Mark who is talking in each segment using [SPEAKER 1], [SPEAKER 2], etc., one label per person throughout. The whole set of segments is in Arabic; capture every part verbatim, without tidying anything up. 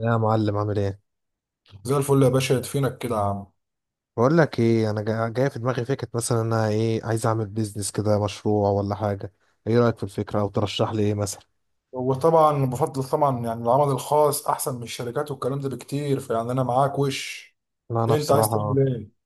[SPEAKER 1] يا معلم عامل ايه؟
[SPEAKER 2] زي الفل يا باشا يدفينك كده يا عم.
[SPEAKER 1] بقول لك ايه، انا جا- جاي في دماغي فكره، مثلا انا ايه، عايز اعمل بيزنس كده، مشروع ولا حاجه. ايه رايك في الفكره، او ترشح لي ايه مثلا؟
[SPEAKER 2] وطبعا بفضل طبعا يعني العمل الخاص احسن من الشركات والكلام ده بكتير، فيعني انا معاك. وش
[SPEAKER 1] لا انا
[SPEAKER 2] إيه انت عايز
[SPEAKER 1] بصراحه،
[SPEAKER 2] تعمل ايه؟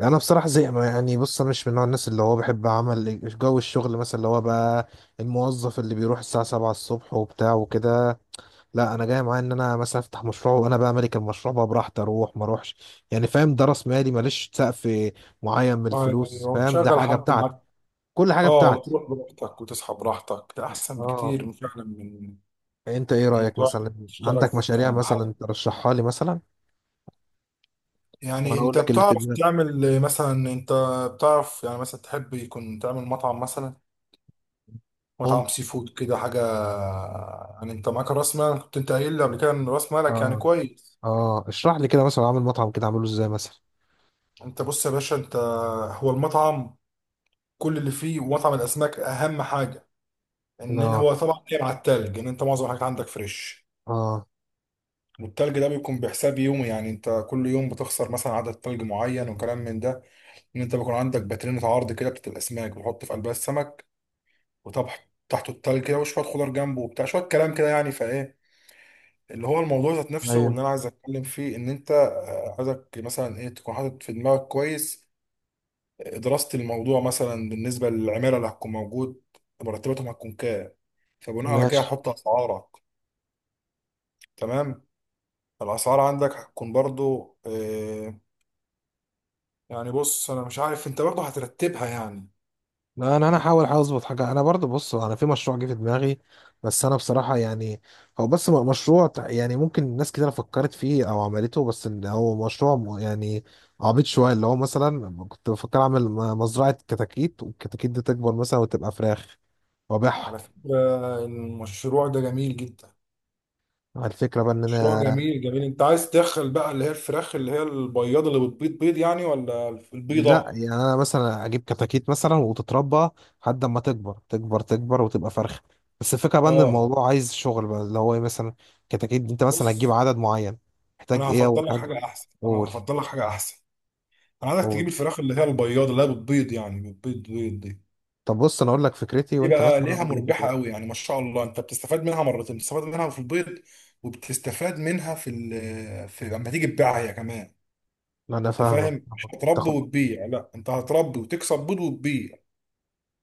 [SPEAKER 1] انا بصراحه زي ما يعني، بص انا مش من نوع الناس اللي هو بحب عمل جو الشغل، مثلا اللي هو بقى الموظف اللي بيروح الساعه سبعة الصبح وبتاع وكده. لا انا جاي معايا ان انا مثلا افتح مشروع، وانا بقى مالك المشروع، بقى براحتي اروح ما اروحش، يعني فاهم، ده راس مالي، ماليش سقف معين من الفلوس،
[SPEAKER 2] ايوه،
[SPEAKER 1] فاهم ده
[SPEAKER 2] تشغل
[SPEAKER 1] حاجه
[SPEAKER 2] حد
[SPEAKER 1] بتاعتي،
[SPEAKER 2] معاك.
[SPEAKER 1] كل حاجه
[SPEAKER 2] اه،
[SPEAKER 1] بتاعتي.
[SPEAKER 2] وتروح براحتك وتصحى براحتك، ده احسن
[SPEAKER 1] اه،
[SPEAKER 2] بكتير من فعلا من
[SPEAKER 1] انت ايه
[SPEAKER 2] من
[SPEAKER 1] رأيك
[SPEAKER 2] تروح
[SPEAKER 1] مثلا؟
[SPEAKER 2] تشتغل
[SPEAKER 1] عندك
[SPEAKER 2] في
[SPEAKER 1] مشاريع
[SPEAKER 2] عند
[SPEAKER 1] مثلا
[SPEAKER 2] حد.
[SPEAKER 1] ترشحها لي مثلا،
[SPEAKER 2] يعني
[SPEAKER 1] وانا اقول
[SPEAKER 2] انت
[SPEAKER 1] لك اللي في
[SPEAKER 2] بتعرف
[SPEAKER 1] دماغك.
[SPEAKER 2] تعمل مثلا، انت بتعرف يعني مثلا تحب يكون تعمل مطعم مثلا، مطعم
[SPEAKER 1] ممكن.
[SPEAKER 2] سي فود كده حاجه. يعني انت معاك راس مال، كنت انت قايل لي قبل كده ان راس مالك يعني
[SPEAKER 1] اه.
[SPEAKER 2] كويس.
[SPEAKER 1] اه، اشرح لي كده، مثلا اعمل مطعم، كده اعمله ازاي مثلا؟
[SPEAKER 2] انت بص يا باشا، انت هو المطعم كل اللي فيه، ومطعم الاسماك اهم حاجه ان
[SPEAKER 1] اه.
[SPEAKER 2] هو طبعا جاي مع التلج، ان انت معظم الحاجات عندك فريش.
[SPEAKER 1] اه.
[SPEAKER 2] والتلج ده بيكون بحساب يومي، يعني انت كل يوم بتخسر مثلا عدد تلج معين وكلام من ده. ان انت بيكون عندك باترينة عرض كده بتاعت الاسماك، بتحط في قلبها السمك وطبح تحته التلج كده، وشويه خضار جنبه وبتاع شويه كلام كده. يعني فايه اللي هو الموضوع ذات نفسه،
[SPEAKER 1] ايوه.
[SPEAKER 2] واللي انا عايز اتكلم فيه ان انت آه، عايزك مثلا ايه تكون حاطط في دماغك كويس دراسة الموضوع. مثلا بالنسبة للعمالة اللي هتكون موجود، مرتباتهم هتكون كام، فبناء على كده
[SPEAKER 1] ماشي.
[SPEAKER 2] هتحط أسعارك. تمام. الأسعار عندك هتكون برضو آه، يعني بص، أنا مش عارف أنت برضو هترتبها يعني.
[SPEAKER 1] لا انا، انا هحاول، احاول اظبط حاجه، انا برضو بص انا في مشروع جه في دماغي، بس انا بصراحه يعني هو بس م- مشروع تع- يعني ممكن ناس كتير فكرت فيه او عملته، بس ان هو مشروع م- يعني عبيط شويه، اللي هو مثلا كنت بفكر اعمل م- مزرعه كتاكيت، والكتاكيت دي تكبر مثلا وتبقى فراخ وابيعها.
[SPEAKER 2] على فكرة المشروع ده جميل جدا،
[SPEAKER 1] الفكرة بقى ان
[SPEAKER 2] مشروع
[SPEAKER 1] انا،
[SPEAKER 2] جميل جميل. أنت عايز تدخل بقى اللي هي الفراخ اللي هي البياضة اللي بتبيض بيض، يعني، ولا البيضة؟
[SPEAKER 1] لا
[SPEAKER 2] اه.
[SPEAKER 1] يعني انا مثلا اجيب كتاكيت مثلا وتتربى لحد ما تكبر تكبر تكبر وتبقى فرخة، بس الفكرة بقى ان
[SPEAKER 2] آه.
[SPEAKER 1] الموضوع عايز شغل بقى، اللي هو إيه مثلا؟ كتاكيت انت مثلا هتجيب
[SPEAKER 2] بص،
[SPEAKER 1] عدد معين، محتاج
[SPEAKER 2] أنا
[SPEAKER 1] ايه اول
[SPEAKER 2] هفضل لك
[SPEAKER 1] حاجة؟
[SPEAKER 2] حاجة أحسن، أنا
[SPEAKER 1] قول.
[SPEAKER 2] هفضل لك حاجة أحسن. أنا عايزك تجيب
[SPEAKER 1] قول.
[SPEAKER 2] الفراخ اللي هي البياضة اللي هي بتبيض، يعني بتبيض بيض دي.
[SPEAKER 1] طب بص انا اقول لك فكرتي
[SPEAKER 2] دي
[SPEAKER 1] وانت
[SPEAKER 2] بقى
[SPEAKER 1] مثلا
[SPEAKER 2] ليها
[SPEAKER 1] قول لي
[SPEAKER 2] مربحة قوي،
[SPEAKER 1] فكرتي.
[SPEAKER 2] يعني ما شاء الله انت بتستفاد منها مرتين، بتستفاد منها في البيض، وبتستفاد منها في ال... في لما تيجي تبيعها هي كمان.
[SPEAKER 1] انا
[SPEAKER 2] انت
[SPEAKER 1] فاهمك.
[SPEAKER 2] فاهم، مش هتربي
[SPEAKER 1] تاخد،
[SPEAKER 2] وتبيع، لا انت هتربي وتكسب بيض وتبيع.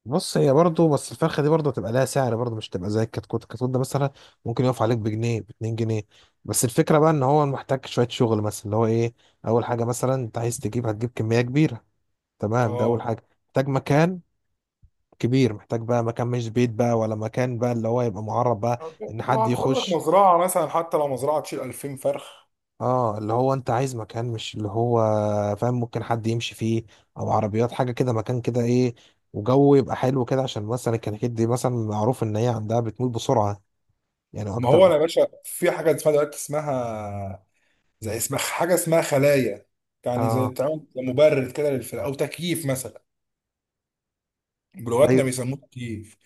[SPEAKER 1] بص هي برضه، بس الفرخه دي برضه هتبقى لها سعر برضه، مش تبقى زي الكتكوت، الكتكوت ده مثلا ممكن يقف عليك بجنيه، ب باتنين جنيه، بس الفكره بقى ان هو محتاج شويه شغل، مثلا اللي هو ايه؟ اول حاجه مثلا انت عايز تجيب، هتجيب كميه كبيره، تمام، ده اول
[SPEAKER 2] اه،
[SPEAKER 1] حاجه، محتاج مكان كبير، محتاج بقى مكان، مش بيت بقى ولا مكان بقى، اللي هو يبقى معرض بقى
[SPEAKER 2] هت-
[SPEAKER 1] ان
[SPEAKER 2] ما
[SPEAKER 1] حد
[SPEAKER 2] هتاخد لك
[SPEAKER 1] يخش.
[SPEAKER 2] مزرعة مثلا حتى لو مزرعة تشيل ألفين فرخ.
[SPEAKER 1] اه، اللي هو انت عايز مكان، مش اللي هو، فاهم، ممكن حد يمشي فيه، او عربيات حاجه كده، مكان كده ايه، وجو يبقى حلو كده، عشان مثلا الكناكيد دي مثلا معروف ان هي عندها بتموت بسرعه يعني
[SPEAKER 2] ما هو
[SPEAKER 1] اكتر.
[SPEAKER 2] انا يا باشا في حاجة اسمها دلوقتي اسمها زي، اسمها حاجة اسمها خلايا. يعني زي
[SPEAKER 1] اه.
[SPEAKER 2] تعمل مبرد كده للفرخ او تكييف مثلا، جلواتنا
[SPEAKER 1] ايوه.
[SPEAKER 2] بيسموه تكييف.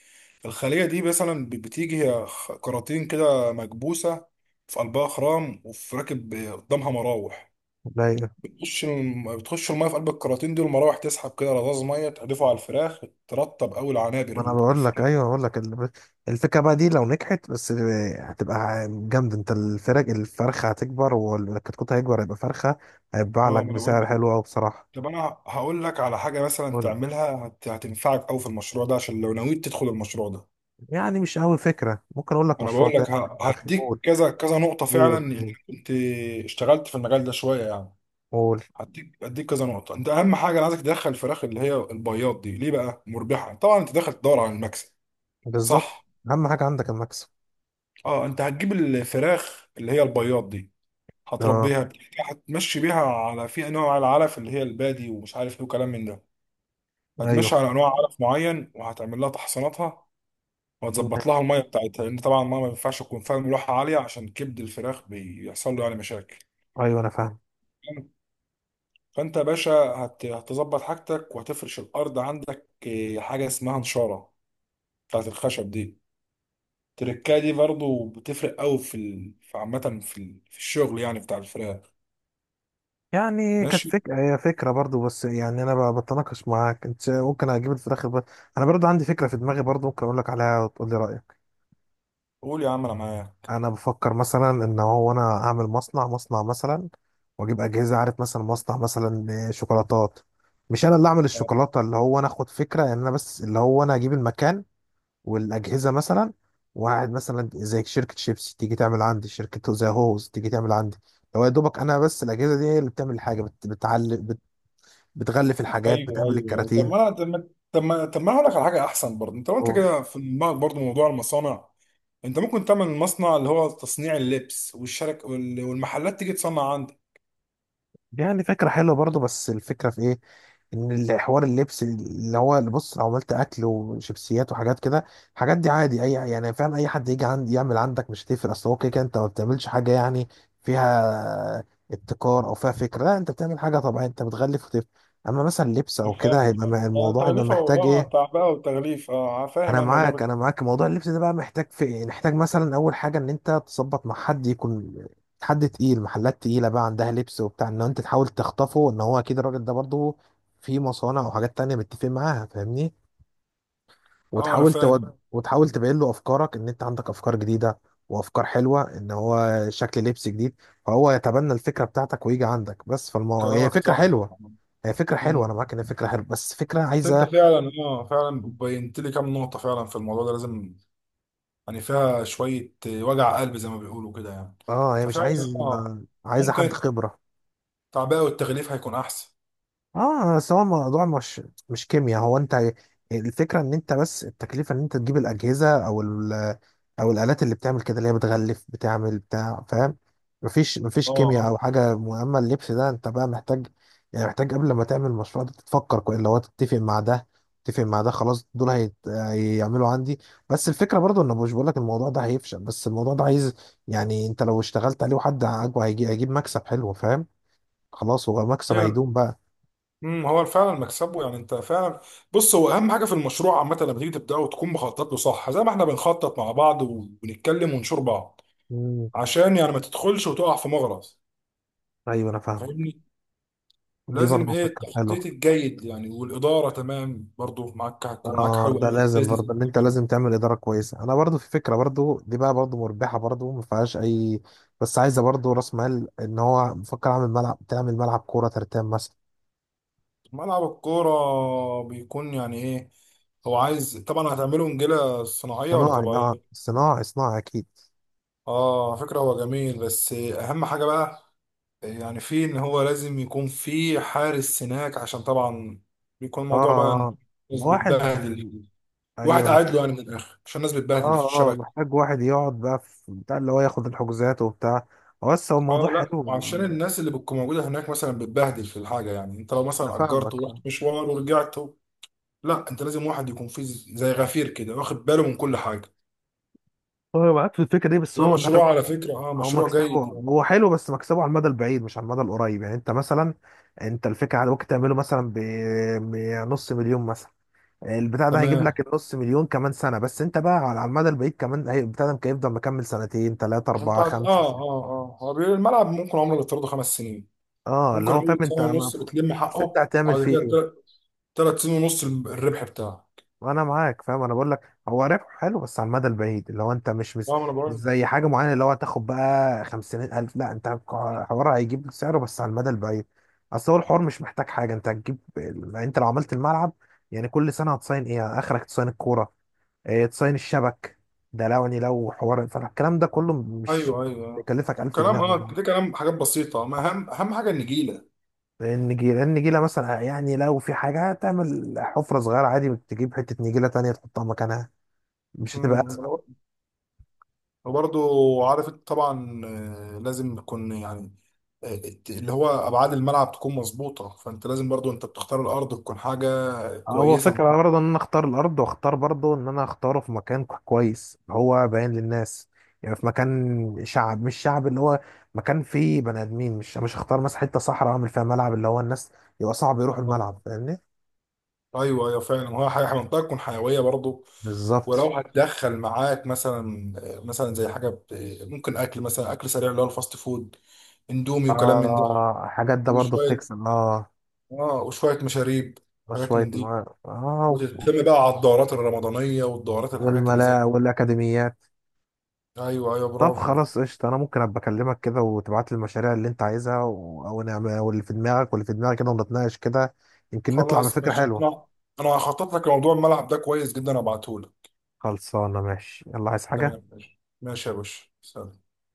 [SPEAKER 2] الخلية دي مثلا ب- بتيجي هي خ- كراتين كده مكبوسة، في قلبها خرام وفي راكب قدامها مراوح.
[SPEAKER 1] ايوه،
[SPEAKER 2] بتخش الم... بتخش المية في قلب الكراتين دي، والمراوح تسحب كده رذاذ مية تحدفه على الفراخ، ترطب أوي العنابر
[SPEAKER 1] ما انا
[SPEAKER 2] اللي في
[SPEAKER 1] بقول لك،
[SPEAKER 2] الفراخ.
[SPEAKER 1] ايوه بقول لك ال- الفكره بقى دي لو نجحت بس، هتبقى جامد، انت الفرق الفرخه هتكبر، والكتكوت هيكبر هيبقى فرخه، هيتباع لك
[SPEAKER 2] اه ما انا بقول
[SPEAKER 1] بسعر
[SPEAKER 2] لك،
[SPEAKER 1] حلو قوي بصراحه.
[SPEAKER 2] طب انا هقول لك على حاجة مثلا
[SPEAKER 1] قول.
[SPEAKER 2] تعملها هت... هتنفعك أوي في المشروع ده عشان لو نويت تدخل المشروع ده.
[SPEAKER 1] يعني مش قوي فكره، ممكن اقول لك
[SPEAKER 2] انا
[SPEAKER 1] مشروع
[SPEAKER 2] بقول
[SPEAKER 1] تاني
[SPEAKER 2] لك
[SPEAKER 1] في
[SPEAKER 2] ه...
[SPEAKER 1] دماغي.
[SPEAKER 2] هديك
[SPEAKER 1] قول.
[SPEAKER 2] كذا كذا نقطة
[SPEAKER 1] قول.
[SPEAKER 2] فعلا، يعني
[SPEAKER 1] قول.
[SPEAKER 2] كنت اشتغلت في المجال ده شوية يعني.
[SPEAKER 1] قول.
[SPEAKER 2] هديك، هديك كذا نقطة. انت اهم حاجة انا عايزك تدخل الفراخ اللي هي البياض دي، ليه بقى مربحة؟ طبعا انت داخل تدور على المكسب،
[SPEAKER 1] بالظبط،
[SPEAKER 2] صح؟
[SPEAKER 1] اهم حاجه عندك المكسب.
[SPEAKER 2] اه، انت هتجيب الفراخ اللي هي البياض دي،
[SPEAKER 1] اه.
[SPEAKER 2] هتربيها، بتفتح- هتمشي بيها على في انواع العلف اللي هي البادي ومش عارف ايه وكلام من ده. هتمشي
[SPEAKER 1] ايوه.
[SPEAKER 2] على انواع علف معين، وهتعمل لها تحصيناتها، وهتظبط لها
[SPEAKER 1] ماشي.
[SPEAKER 2] الميه بتاعتها، لان طبعا الميه ما ينفعش تكون فيها ملوحه عاليه، عشان كبد الفراخ بيحصل له يعني مشاكل.
[SPEAKER 1] ايوه انا فاهم.
[SPEAKER 2] فانت يا باشا هت- هتظبط حاجتك، وهتفرش الارض عندك آه، حاجه اسمها نشاره بتاعت الخشب دي. التركايه دي برضو بتفرق قوي في ال... في عامة في, ال... في الشغل يعني بتاع الفراخ.
[SPEAKER 1] يعني كانت
[SPEAKER 2] ماشي.
[SPEAKER 1] فكرة، هي فكرة برضو، بس يعني أنا ب- بتناقش معاك، أنت ممكن أجيب الفراخ ب... أنا برضو عندي فكرة في دماغي برضو، ممكن أقول لك عليها وتقول لي رأيك.
[SPEAKER 2] قول يا عم انا معاك.
[SPEAKER 1] أنا بفكر مثلا إن هو أنا أعمل مصنع مصنع مثلا، وأجيب أجهزة، عارف مثلا مصنع مثلا شوكولاتات، مش أنا اللي أعمل الشوكولاتة، اللي هو أنا أخد فكرة إن أنا بس اللي هو أنا أجيب المكان والأجهزة مثلا، وقاعد مثلا زي شركة شيبسي تيجي تعمل عندي، شركة زي هوز تيجي تعمل عندي. هو يا دوبك انا بس الاجهزه دي هي اللي بتعمل الحاجه، بت... بتعلم، بتغلف الحاجات،
[SPEAKER 2] ايوه
[SPEAKER 1] بتعمل
[SPEAKER 2] ايوه أيوة. طب
[SPEAKER 1] الكراتين.
[SPEAKER 2] ما انا طب ما طب ما طب ما أنا هقول لك على حاجه احسن برضه. انت قلت
[SPEAKER 1] و-
[SPEAKER 2] كده في دماغك برضه موضوع المصانع، انت ممكن تعمل مصنع اللي هو تصنيع اللبس والشرك وال- والمحلات تيجي تصنع عندك.
[SPEAKER 1] يعني فكرة حلوة برضو، بس الفكرة في ايه؟ ان الحوار اللبس اللي هو اللي بص، لو عملت اكل وشيبسيات وحاجات كده، الحاجات دي عادي اي يعني، فاهم اي حد يجي عندي يعمل عندك مش هتفرق، اصل هو كده كده انت ما بتعملش حاجة يعني فيها ابتكار او فيها فكرة، لا انت بتعمل حاجة طبيعية، انت بتغلف وتف، اما مثلا لبس او
[SPEAKER 2] أنا
[SPEAKER 1] كده
[SPEAKER 2] فاهم
[SPEAKER 1] هيبقى م-
[SPEAKER 2] فاهم انا
[SPEAKER 1] الموضوع هيبقى
[SPEAKER 2] تغليفه و-
[SPEAKER 1] محتاج
[SPEAKER 2] اه
[SPEAKER 1] ايه.
[SPEAKER 2] تعبئه وتغليف، اه فاهم
[SPEAKER 1] انا
[SPEAKER 2] أنا الموضوع
[SPEAKER 1] معاك،
[SPEAKER 2] بت...
[SPEAKER 1] انا معاك، موضوع اللبس ده بقى محتاج في إيه؟ محتاج مثلا اول حاجه ان انت تظبط مع حد يكون حد تقيل، محلات تقيله بقى عندها لبس وبتاع، ان انت تحاول تخطفه، ان هو اكيد الراجل ده برضه في مصانع او حاجات تانية متفق معاها، فاهمني،
[SPEAKER 2] اه انا
[SPEAKER 1] وتحاول
[SPEAKER 2] فاهم.
[SPEAKER 1] تود وتحاول تبين له افكارك، ان انت عندك افكار جديده وافكار حلوه، ان هو شكل لبس جديد، فهو يتبنى الفكره بتاعتك ويجي عندك، بس فالمو... هي
[SPEAKER 2] كلامك
[SPEAKER 1] فكره
[SPEAKER 2] صح.
[SPEAKER 1] حلوه، هي فكره حلوه، انا معاك ان هي فكره حلوه، بس فكره
[SPEAKER 2] انت
[SPEAKER 1] عايزه،
[SPEAKER 2] فعلا، اه فعلا بينت لي كام نقطة فعلا في الموضوع ده لازم، يعني فيها شوية وجع قلب زي ما بيقولوا كده يعني.
[SPEAKER 1] اه هي مش
[SPEAKER 2] ففعلا
[SPEAKER 1] عايز،
[SPEAKER 2] اه،
[SPEAKER 1] عايزه حد
[SPEAKER 2] ممكن
[SPEAKER 1] خبره.
[SPEAKER 2] التعبئة والتغليف هيكون أحسن.
[SPEAKER 1] اه بس هو الموضوع مش مش كيمياء، هو انت الفكره ان انت بس التكلفه، ان انت تجيب الاجهزه او ال، او الالات اللي بتعمل كده، اللي هي بتغلف بتعمل بتاع، فاهم، مفيش مفيش
[SPEAKER 2] اه.
[SPEAKER 1] كيمياء او
[SPEAKER 2] آه.
[SPEAKER 1] حاجه مهمه، اللبس ده انت بقى محتاج يعني محتاج قبل ما تعمل المشروع ده تتفكر كويس، اللي هو تتفق مع ده، تتفق مع ده، خلاص دول هيت... هيعملوا عندي، بس الفكره برضو ان مش بقول لك الموضوع ده هيفشل، بس الموضوع ده عايز يعني، انت لو اشتغلت عليه وحد عاجبه هيجي هيجيب مكسب حلو، فاهم، خلاص هو مكسب
[SPEAKER 2] ايوه.
[SPEAKER 1] هيدوم بقى.
[SPEAKER 2] امم، هو فعلا مكسبه، يعني انت فعلا، بص هو اهم حاجة في المشروع عامة لما تيجي تبدأه تكون مخطط له صح، زي ما احنا بنخطط مع بعض وبنتكلم ونشور بعض، عشان يعني ما تدخلش وتقع في مغرز.
[SPEAKER 1] ايوه انا
[SPEAKER 2] أنت
[SPEAKER 1] فاهمك،
[SPEAKER 2] فاهمني.
[SPEAKER 1] دي
[SPEAKER 2] لازم
[SPEAKER 1] برضه
[SPEAKER 2] ايه
[SPEAKER 1] فكره
[SPEAKER 2] التخطيط
[SPEAKER 1] حلوه.
[SPEAKER 2] الجيد يعني، والإدارة تمام برضو معاك، هتكون معاك
[SPEAKER 1] اه
[SPEAKER 2] حلو
[SPEAKER 1] ده
[SPEAKER 2] قوي في
[SPEAKER 1] لازم
[SPEAKER 2] البيزنس.
[SPEAKER 1] برضه ان انت لازم تعمل اداره كويسه، انا برضه في فكره برضه دي، بقى برضه مربحه برضه ما فيهاش اي، بس عايزه برضه راس مال، ان هو بفكر اعمل ملعب، تعمل ملعب كوره ترتان مثلا.
[SPEAKER 2] ملعب الكورة بيكون يعني ايه؟ هو عايز طبعا هتعمله نجيلة صناعية ولا
[SPEAKER 1] صناعي، اه
[SPEAKER 2] طبيعية؟
[SPEAKER 1] صناعي، صناعي اكيد.
[SPEAKER 2] اه فكرة هو جميل، بس اهم حاجة بقى يعني فيه، ان هو لازم يكون فيه حارس هناك، عشان طبعا بيكون
[SPEAKER 1] اه.
[SPEAKER 2] الموضوع بقى إن
[SPEAKER 1] آه.
[SPEAKER 2] الناس
[SPEAKER 1] واحد.
[SPEAKER 2] بتبهدل.
[SPEAKER 1] ايوه
[SPEAKER 2] واحد
[SPEAKER 1] انا،
[SPEAKER 2] قاعد له يعني من الاخر، عشان الناس بتبهدل في
[SPEAKER 1] اه اه
[SPEAKER 2] الشبكة.
[SPEAKER 1] محتاج واحد يقعد بقى في بتاع اللي هو ياخد الحجوزات وبتاع، بس هو
[SPEAKER 2] اه،
[SPEAKER 1] الموضوع
[SPEAKER 2] لا
[SPEAKER 1] حلو.
[SPEAKER 2] وعشان الناس اللي بتكون موجودة هناك مثلا بتبهدل في الحاجة، يعني انت لو
[SPEAKER 1] انا
[SPEAKER 2] مثلا اجرت
[SPEAKER 1] فاهمك،
[SPEAKER 2] ورحت
[SPEAKER 1] فاهم.
[SPEAKER 2] مشوار ورجعت، لا انت لازم واحد يكون فيه زي غفير كده واخد باله من كل حاجة.
[SPEAKER 1] هو معاك في الفكره دي، بس
[SPEAKER 2] ده
[SPEAKER 1] هو انا،
[SPEAKER 2] مشروع على فكرة، اه
[SPEAKER 1] هو
[SPEAKER 2] مشروع
[SPEAKER 1] مكسبه،
[SPEAKER 2] جيد يعني.
[SPEAKER 1] هو حلو بس مكسبه على المدى البعيد مش على المدى القريب، يعني انت مثلا، انت الفكره على، ممكن تعمله مثلا ب- بنص مليون مثلا، البتاع ده هيجيب
[SPEAKER 2] تمام.
[SPEAKER 1] لك النص مليون كمان سنه، بس انت بقى على على المدى البعيد كمان، هي- البتاع ده ممكن يفضل مكمل سنتين ثلاثه
[SPEAKER 2] انت
[SPEAKER 1] اربعه
[SPEAKER 2] عارف- اه
[SPEAKER 1] خمسه سنة.
[SPEAKER 2] اه اه هو بيقول الملعب ممكن عمره يفترضه خمس سنين،
[SPEAKER 1] اه اللي
[SPEAKER 2] ممكن
[SPEAKER 1] هو فاهم
[SPEAKER 2] اول سنة
[SPEAKER 1] انت ما-
[SPEAKER 2] ونص بتلم
[SPEAKER 1] اصل انت
[SPEAKER 2] حقه،
[SPEAKER 1] هتعمل
[SPEAKER 2] وبعد
[SPEAKER 1] فيه
[SPEAKER 2] كده
[SPEAKER 1] ايه؟
[SPEAKER 2] تل- تلات سنين ونص الربح بتاعه.
[SPEAKER 1] وانا معاك فاهم، انا بقول لك هو ربح حلو بس على المدى البعيد، اللي هو انت مش مش,
[SPEAKER 2] فاهم انا
[SPEAKER 1] مش
[SPEAKER 2] بقول.
[SPEAKER 1] زي حاجه معينه، اللي هو هتاخد بقى خمسين الف، لا انت حوار هيجيب سعره بس على المدى البعيد، اصل هو الحوار مش محتاج حاجه، انت هتجيب ال- يعني انت لو عملت الملعب، يعني كل سنه هتصين ايه، اخرك تصين الكوره، إيه تصين الشبك، ده لو يعني لو حوار فالكلام ده كله مش
[SPEAKER 2] ايوه ايوه.
[SPEAKER 1] يكلفك الف جنيه
[SPEAKER 2] كلام،
[SPEAKER 1] على
[SPEAKER 2] اه
[SPEAKER 1] بعض.
[SPEAKER 2] ده كلام حاجات بسيطة. ما اهم اهم حاجة النجيلة.
[SPEAKER 1] النجيله، النجيله مثلا اه يعني لو في حاجه، هتعمل حفره صغيره عادي، تجيب حته نجيله تانية تحطها مكانها، مش هتبقى
[SPEAKER 2] امم.
[SPEAKER 1] أزمة.
[SPEAKER 2] وبرضه عارف انت طبعا آه، لازم يكون يعني آه، الت- اللي هو ابعاد الملعب تكون مظبوطة، فانت لازم برضه انت بتختار الارض تكون حاجة
[SPEAKER 1] هو
[SPEAKER 2] كويسة.
[SPEAKER 1] فكرة برضه ان انا اختار الارض، واختار برضه ان انا اختاره في مكان كو- كويس، هو باين للناس، يعني في مكان شعب، مش شعب اللي هو، مكان فيه بني ادمين، مش مش هختار مثلا حتة صحراء اعمل فيها ملعب، اللي هو الناس يبقى صعب يروحوا الملعب، فاهمني.
[SPEAKER 2] ايوه ايوه فعلا، وهي حاجه منطقه تكون حيويه برضه.
[SPEAKER 1] بالظبط.
[SPEAKER 2] ولو هتدخل معاك مثلا، مثلا زي حاجه ب- ممكن اكل مثلا، اكل سريع اللي هو الفاست فود، اندومي وكلام من ده.
[SPEAKER 1] آه، حاجات ده برضه
[SPEAKER 2] وشويه،
[SPEAKER 1] بتكسب، اه.
[SPEAKER 2] اه وشويه مشاريب، حاجات
[SPEAKER 1] وشوية
[SPEAKER 2] من
[SPEAKER 1] م-
[SPEAKER 2] دي.
[SPEAKER 1] اه.
[SPEAKER 2] وتهتم بقى على الدورات الرمضانيه والدورات الحاجات اللي زي
[SPEAKER 1] والملاعب
[SPEAKER 2] دي.
[SPEAKER 1] والاكاديميات.
[SPEAKER 2] ايوه ايوه
[SPEAKER 1] طب
[SPEAKER 2] برافو.
[SPEAKER 1] خلاص قشطة، أنا ممكن أبقى أكلمك كده وتبعت لي المشاريع اللي أنت عايزها، و... أو نعمل، أو اللي في دماغك واللي في دماغك كده، ونتناقش كده، يمكن نطلع
[SPEAKER 2] خلاص
[SPEAKER 1] بفكرة
[SPEAKER 2] ماشي.
[SPEAKER 1] حلوة.
[SPEAKER 2] انا انا هخطط لك لموضوع الملعب ده كويس جدا ابعته لك.
[SPEAKER 1] خلصانة، ماشي، يلا عايز حاجة؟
[SPEAKER 2] تمام ماشي ماشي يا باشا، سلام.